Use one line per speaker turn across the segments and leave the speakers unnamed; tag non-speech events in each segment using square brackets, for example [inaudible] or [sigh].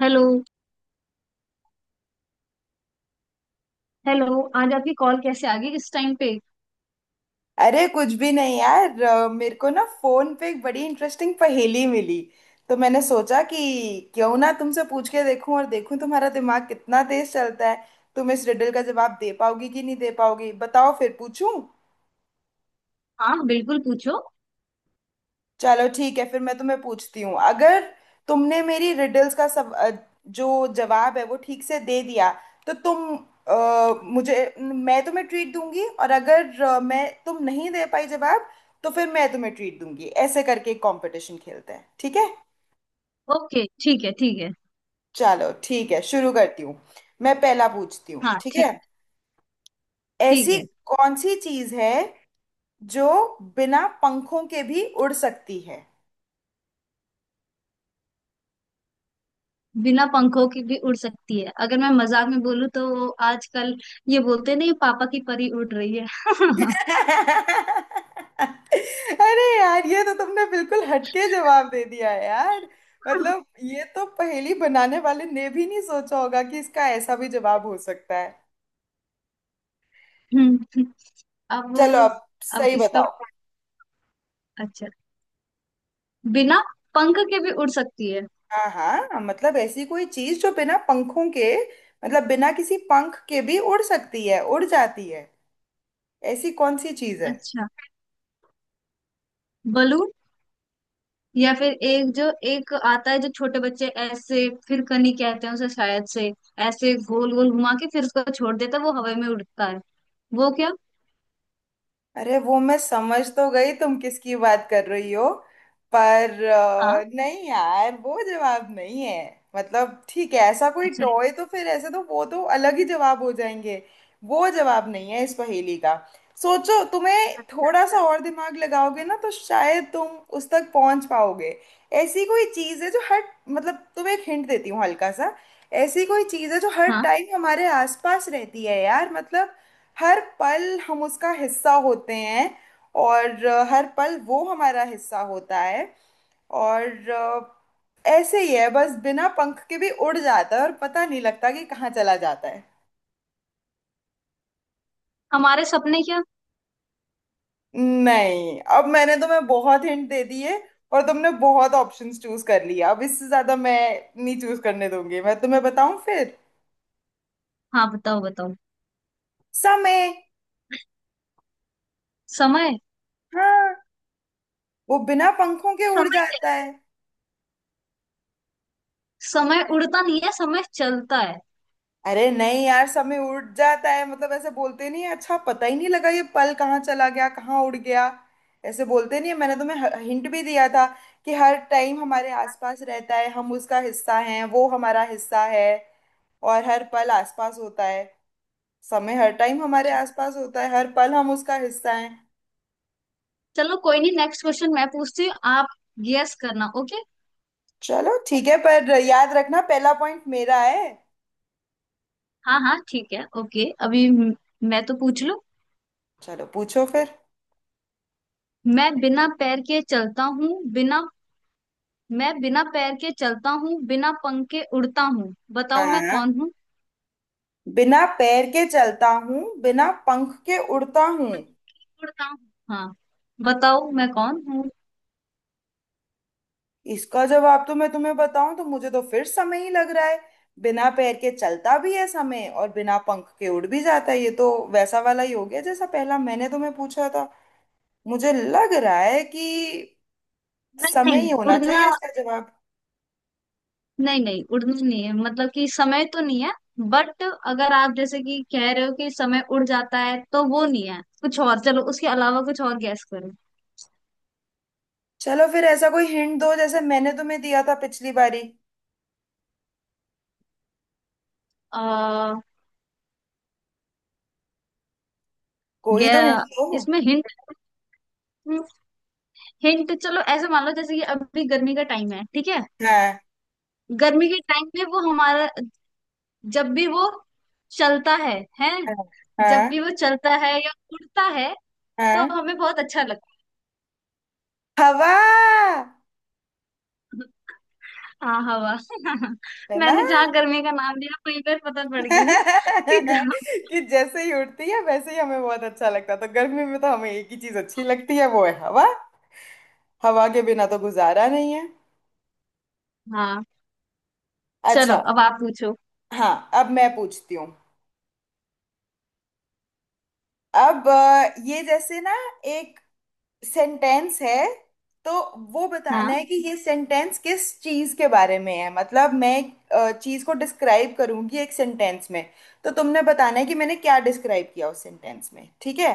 Hello. Hello, आज आपकी call कैसे आ गई इस टाइम पे?
अरे कुछ भी नहीं यार मेरे को ना फोन पे एक बड़ी इंटरेस्टिंग पहेली मिली। तो मैंने सोचा कि क्यों ना तुमसे पूछ के देखूं और देखूं तुम्हारा दिमाग कितना तेज चलता है। तुम इस रिडल का जवाब दे पाओगी कि नहीं दे पाओगी, बताओ फिर पूछूं।
हाँ बिल्कुल, पूछो।
चलो ठीक है, फिर मैं तुम्हें पूछती हूँ। अगर तुमने मेरी रिडल्स का सब जो जवाब है वो ठीक से दे दिया तो तुम मुझे, मैं तुम्हें ट्रीट दूंगी। और अगर मैं, तुम नहीं दे पाई जवाब तो फिर मैं तुम्हें ट्रीट दूंगी। ऐसे करके एक कंपटीशन खेलते हैं, ठीक है।
ओके ठीक है, ठीक है।
चलो ठीक है, शुरू करती हूँ। मैं पहला पूछती हूँ,
हाँ
ठीक है।
ठीक। ठीक
ऐसी
है।
कौन सी चीज़ है जो बिना पंखों के भी उड़ सकती है?
बिना पंखों की भी उड़ सकती है? अगर मैं मजाक में बोलूँ तो वो आजकल ये बोलते नहीं, पापा की परी उड़ रही है। [laughs]
अरे यार, ये तो तुमने बिल्कुल हटके जवाब दे दिया है यार। मतलब ये तो पहेली बनाने वाले ने भी नहीं सोचा होगा कि इसका ऐसा भी जवाब हो सकता है।
हम्म, अब।
चलो अब
अब
सही
इसका,
बताओ।
अच्छा, बिना पंख के भी उड़ सकती है?
हाँ हाँ, मतलब ऐसी कोई चीज जो बिना पंखों के, मतलब बिना किसी पंख के भी उड़ सकती है, उड़ जाती है। ऐसी कौन सी चीज है?
अच्छा, बलून। या फिर एक जो एक आता है जो छोटे बच्चे ऐसे फिर कनी कहते हैं उसे शायद से, ऐसे गोल गोल घुमा के फिर उसको छोड़ देता है वो हवा में उड़ता है। वो क्या?
अरे वो मैं समझ तो गई तुम किसकी बात कर रही हो, पर
हाँ।
नहीं यार, वो जवाब नहीं है। मतलब ठीक है, ऐसा कोई
अच्छा।
टॉय तो फिर ऐसे तो वो तो अलग ही जवाब हो जाएंगे। वो जवाब नहीं है इस पहेली का। सोचो, तुम्हें
अच्छा।
थोड़ा सा और दिमाग लगाओगे ना तो शायद तुम उस तक पहुंच पाओगे। ऐसी कोई चीज़ है जो हर, मतलब तुम्हें एक हिंट देती हूँ हल्का सा। ऐसी कोई चीज़ है जो हर
हाँ,
टाइम हमारे आसपास रहती है यार, मतलब हर पल हम उसका हिस्सा होते हैं और हर पल वो हमारा हिस्सा होता है। और अ, ऐसे ही है बस, बिना पंख के भी उड़ जाता है और पता नहीं लगता कि कहाँ चला जाता है।
हमारे सपने क्या?
नहीं, अब मैंने तुम्हें बहुत हिंट दे दिए और तुमने बहुत ऑप्शंस चूज कर लिया। अब इससे ज्यादा मैं नहीं चूज करने दूंगी, मैं तुम्हें बताऊं फिर।
हाँ बताओ, बताओ।
समय।
समय।
हाँ, वो बिना पंखों के
समय?
उड़ जाता है।
समय उड़ता नहीं है, समय चलता है।
अरे नहीं यार, समय उड़ जाता है, मतलब ऐसे बोलते नहीं है, अच्छा पता ही नहीं लगा ये पल कहाँ चला गया, कहाँ उड़ गया। ऐसे बोलते नहीं है। मैंने तुम्हें हिंट भी दिया था कि हर टाइम हमारे आसपास रहता है, हम उसका हिस्सा हैं वो हमारा हिस्सा है और हर पल आसपास होता है। समय हर टाइम हमारे आसपास होता है, हर पल हम उसका हिस्सा हैं।
चलो कोई नहीं, नेक्स्ट क्वेश्चन मैं पूछती हूँ, आप गेस करना, ओके?
चलो ठीक है, पर याद रखना पहला पॉइंट मेरा है।
हाँ हाँ ठीक है, ओके। मैं तो पूछ लूं।
चलो पूछो फिर।
मैं बिना पैर के चलता हूँ, बिना मैं बिना पैर के चलता हूँ, बिना पंख के उड़ता हूँ, बताओ मैं
हाँ,
कौन हूँ?
बिना पैर के चलता हूँ बिना पंख के उड़ता हूँ।
उड़ता हूँ। हाँ। बताओ मैं कौन हूँ?
इसका जवाब तो मैं तुम्हें बताऊं तो मुझे तो फिर समय ही लग रहा है। बिना पैर के चलता भी है समय और बिना पंख के उड़ भी जाता है। ये तो वैसा वाला ही हो गया जैसा पहला मैंने तुम्हें पूछा था। मुझे लग रहा है कि
नहीं
समय
नहीं,
ही होना
उड़ना।
चाहिए इसका जवाब।
नहीं नहीं, उड़ना नहीं है मतलब कि समय तो नहीं है। बट अगर आप जैसे कि कह रहे हो कि समय उड़ जाता है तो वो नहीं है, कुछ और। चलो उसके अलावा कुछ और गैस करो।
चलो फिर ऐसा कोई हिंट दो जैसे मैंने तुम्हें दिया था पिछली बारी।
आ,
कोई तो हिंट
गया।
दो।
इसमें हिंट, हिंट, चलो ऐसे मान लो जैसे कि अभी गर्मी का टाइम है ठीक है?
हाँ।
गर्मी के टाइम में वो हमारा, जब भी वो चलता है,
हाँ।
जब
हाँ।
भी वो चलता है या उड़ता है तो
हाँ।
हमें बहुत अच्छा लगता
हवा।
है। हाँ हवा। [laughs]
है ना।
मैंने जहाँ गर्मी का नाम लिया वहीं पर पता पड़ गई ना कि गर्म-।
[laughs] कि जैसे ही उठती है वैसे ही हमें बहुत अच्छा लगता है, तो गर्मी में तो हमें एक ही चीज अच्छी लगती है, वो है हवा। हवा के बिना तो गुजारा नहीं है।
हाँ चलो
अच्छा।
अब आप पूछो।
हाँ। अब मैं पूछती हूँ। ये जैसे ना, एक सेंटेंस है तो वो बताना
हाँ
है कि ये सेंटेंस किस चीज के बारे में है। मतलब मैं एक चीज को डिस्क्राइब करूंगी एक सेंटेंस में, तो तुमने बताना है कि मैंने क्या डिस्क्राइब किया उस सेंटेंस में, ठीक है।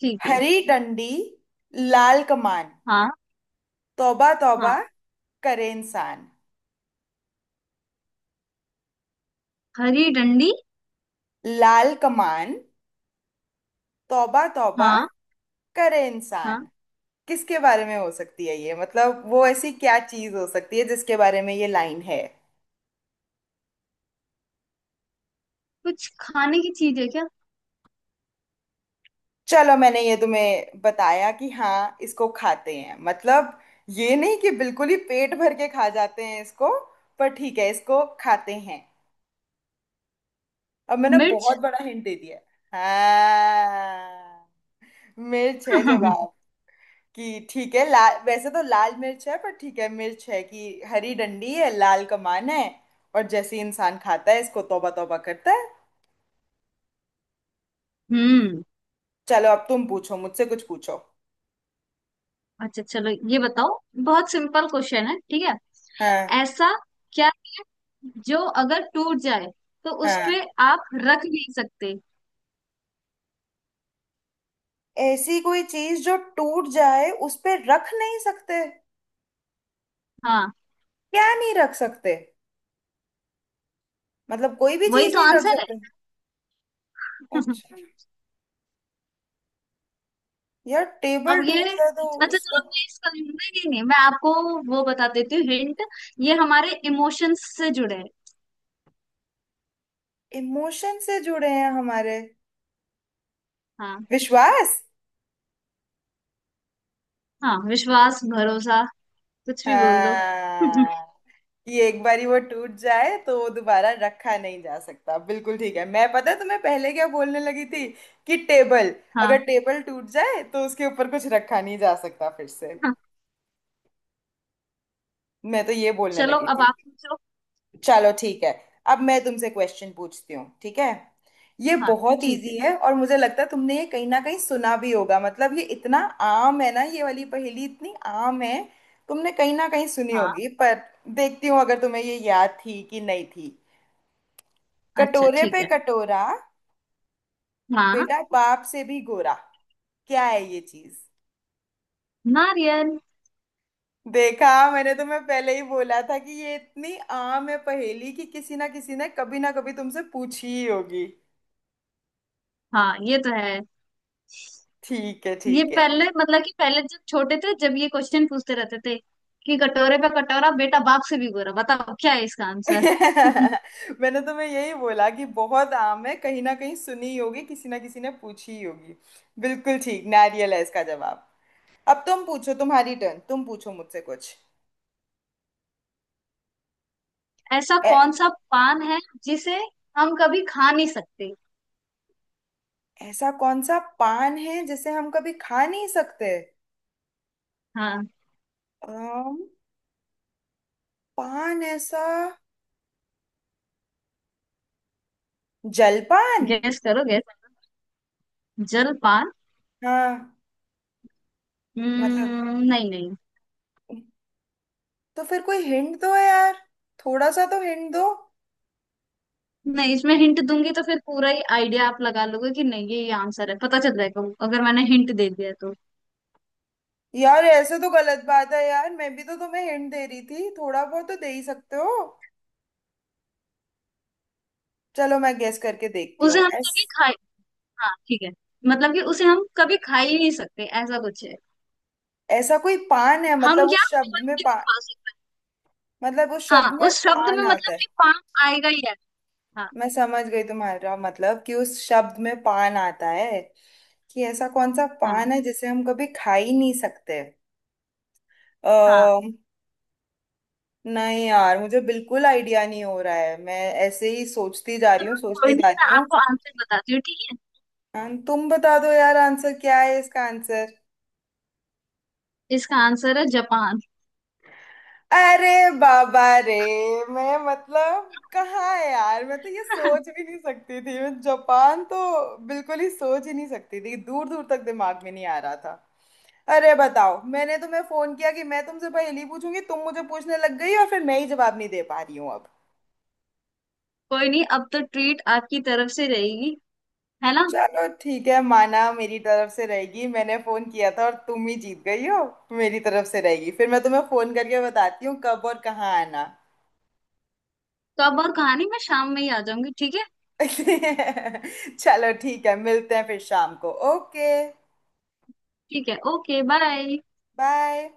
ठीक है।
हरी डंडी, लाल कमान,
हाँ
तौबा तौबा
हाँ।
करे इंसान।
हरी डंडी।
लाल कमान, तौबा तौबा
हाँ।
करे इंसान।
हाँ।
किसके बारे में हो सकती है ये, मतलब वो ऐसी क्या चीज हो सकती है जिसके बारे में ये लाइन है?
कुछ खाने की चीज है क्या?
चलो मैंने ये तुम्हें बताया कि हाँ इसको खाते हैं, मतलब ये नहीं कि बिल्कुल ही पेट भर के खा जाते हैं इसको, पर ठीक है इसको खाते हैं। अब मैंने
मिर्च।
बहुत बड़ा हिंट दे दिया। हाँ, मिर्च है
[laughs]
जवाब। कि ठीक है, लाल, वैसे तो लाल मिर्च है, पर ठीक है मिर्च है कि हरी डंडी है, लाल कमान है और जैसे ही इंसान खाता है इसको तौबा तौबा करता है।
हम्म।
चलो, अब तुम पूछो, मुझसे कुछ पूछो।
अच्छा चलो ये बताओ, बहुत सिंपल क्वेश्चन है ठीक है?
हाँ।
ऐसा क्या जो अगर टूट जाए तो उस
हाँ।
पे आप रख नहीं सकते?
ऐसी कोई चीज जो टूट जाए उस पे रख नहीं सकते?
हाँ।
क्या नहीं रख सकते, मतलब कोई भी
वही
चीज
तो
नहीं रख
आंसर है।
सकते? अच्छा।
[laughs]
यार
अब
टेबल
ये,
टूट जाए तो
अच्छा
उस
चलो
पर।
मैं इसका, नहीं नहीं नहीं, मैं आपको वो बता देती हूँ हिंट, ये हमारे इमोशंस से जुड़े हैं।
इमोशन से जुड़े हैं हमारे।
हाँ।
विश्वास।
हाँ विश्वास, भरोसा, कुछ भी बोल दो। [laughs]
हाँ, ये एक बारी वो टूट जाए तो वो दोबारा रखा नहीं जा सकता, बिल्कुल ठीक है। मैं पता है तुम्हें पहले क्या बोलने लगी थी कि टेबल,
हाँ।
अगर टेबल टूट जाए तो उसके ऊपर कुछ रखा नहीं जा सकता फिर से।
हाँ
मैं तो ये बोलने
चलो
लगी
अब
थी।
आप पूछो।
चलो ठीक है, अब मैं तुमसे क्वेश्चन पूछती हूँ, ठीक है। ये
हाँ
बहुत
ठीक है।
इजी है और मुझे लगता है तुमने ये कहीं ना कहीं सुना भी होगा। मतलब ये इतना आम है ना, ये वाली पहेली इतनी आम है, तुमने कहीं ना कहीं सुनी
हाँ।
होगी, पर देखती हूँ अगर तुम्हें ये याद थी कि नहीं थी।
अच्छा
कटोरे
ठीक
पे
है।
कटोरा,
हाँ।
बेटा बाप से भी गोरा। क्या है ये चीज?
नारियल।
देखा, मैंने तुम्हें पहले ही बोला था कि ये इतनी आम है पहेली कि किसी ना किसी ने कभी ना कभी तुमसे पूछी ही होगी।
हाँ ये तो है।
ठीक है
ये
ठीक है।
पहले मतलब कि पहले जब छोटे थे जब ये क्वेश्चन पूछते रहते थे कि कटोरे पे कटोरा, बेटा बाप से भी गोरा, बताओ क्या है इसका आंसर। [laughs]
[laughs] मैंने तुम्हें यही बोला कि बहुत आम है, कहीं ना कहीं सुनी ही होगी, किसी ना किसी ने पूछी ही होगी। बिल्कुल ठीक, नारियल है इसका जवाब। अब तुम पूछो, तुम्हारी टर्न, तुम पूछो मुझसे कुछ।
ऐसा
ऐ-
कौन सा पान है जिसे हम कभी खा नहीं सकते?
ऐसा कौन सा पान है जिसे हम कभी खा नहीं सकते?
हाँ।
आम पान। ऐसा जलपान?
गैस करो, गैस। जल पान?
हाँ। मतलब,
नहीं नहीं।
तो फिर कोई हिंट दो यार, थोड़ा सा तो हिंट दो।
नहीं, इसमें हिंट दूंगी तो फिर पूरा ही आइडिया आप लगा लोगे कि नहीं ये ये आंसर है, पता चल जाएगा अगर मैंने हिंट दे दिया तो।
यार ऐसे तो गलत बात है यार, मैं भी तो तुम्हें हिंट दे रही थी, थोड़ा बहुत तो दे ही सकते हो। चलो मैं गेस करके देखती
उसे
हूँ।
हम
ऐस
कभी खाए, हाँ ठीक है, मतलब कि उसे हम कभी खा ही नहीं सकते ऐसा कुछ है।
ऐसा कोई पान है,
हम
मतलब
क्या
उस शब्द
फल
में
भी नहीं
पान,
खा सकते?
मतलब उस
हाँ
शब्द में
उस शब्द
पान
में
आता
मतलब
है?
कि पाम आएगा ही आएगा। हाँ।
मैं समझ गई तुम्हारा मतलब, कि उस शब्द में पान आता है, कि ऐसा कौन सा
हाँ।
पान है जिसे हम कभी खा ही नहीं सकते।
हाँ।
नहीं यार, मुझे बिल्कुल आइडिया नहीं हो रहा है। मैं ऐसे ही सोचती जा रही हूँ,
कोई
सोचती
नहीं
जा
मैं
रही हूँ।
आपको आंसर बताती हूँ, ठीक है?
तुम बता दो यार, आंसर क्या है इसका आंसर।
इसका आंसर है जापान।
अरे बाबा रे। मैं, मतलब कहाँ है यार, मैं तो ये सोच
[laughs]
भी नहीं सकती थी, मैं जापान तो बिल्कुल ही सोच ही नहीं सकती थी, दूर दूर तक दिमाग में नहीं आ रहा था। अरे बताओ, मैंने तुम्हें फोन किया कि मैं तुमसे पहेली पूछूंगी, तुम मुझे पूछने लग गई और फिर मैं ही जवाब नहीं दे पा रही हूँ अब।
कोई नहीं, अब तो ट्रीट आपकी तरफ से रहेगी, है ना?
चलो ठीक है, माना मेरी तरफ से रहेगी, मैंने फोन किया था और तुम ही जीत गई हो। मेरी तरफ से रहेगी, फिर मैं तुम्हें फोन करके बताती हूँ कब और कहाँ आना।
तो अब और कहानी मैं शाम में ही आ जाऊंगी ठीक है?
[laughs] चलो ठीक है, मिलते हैं फिर शाम को, ओके।
ठीक है ओके बाय।
बाय।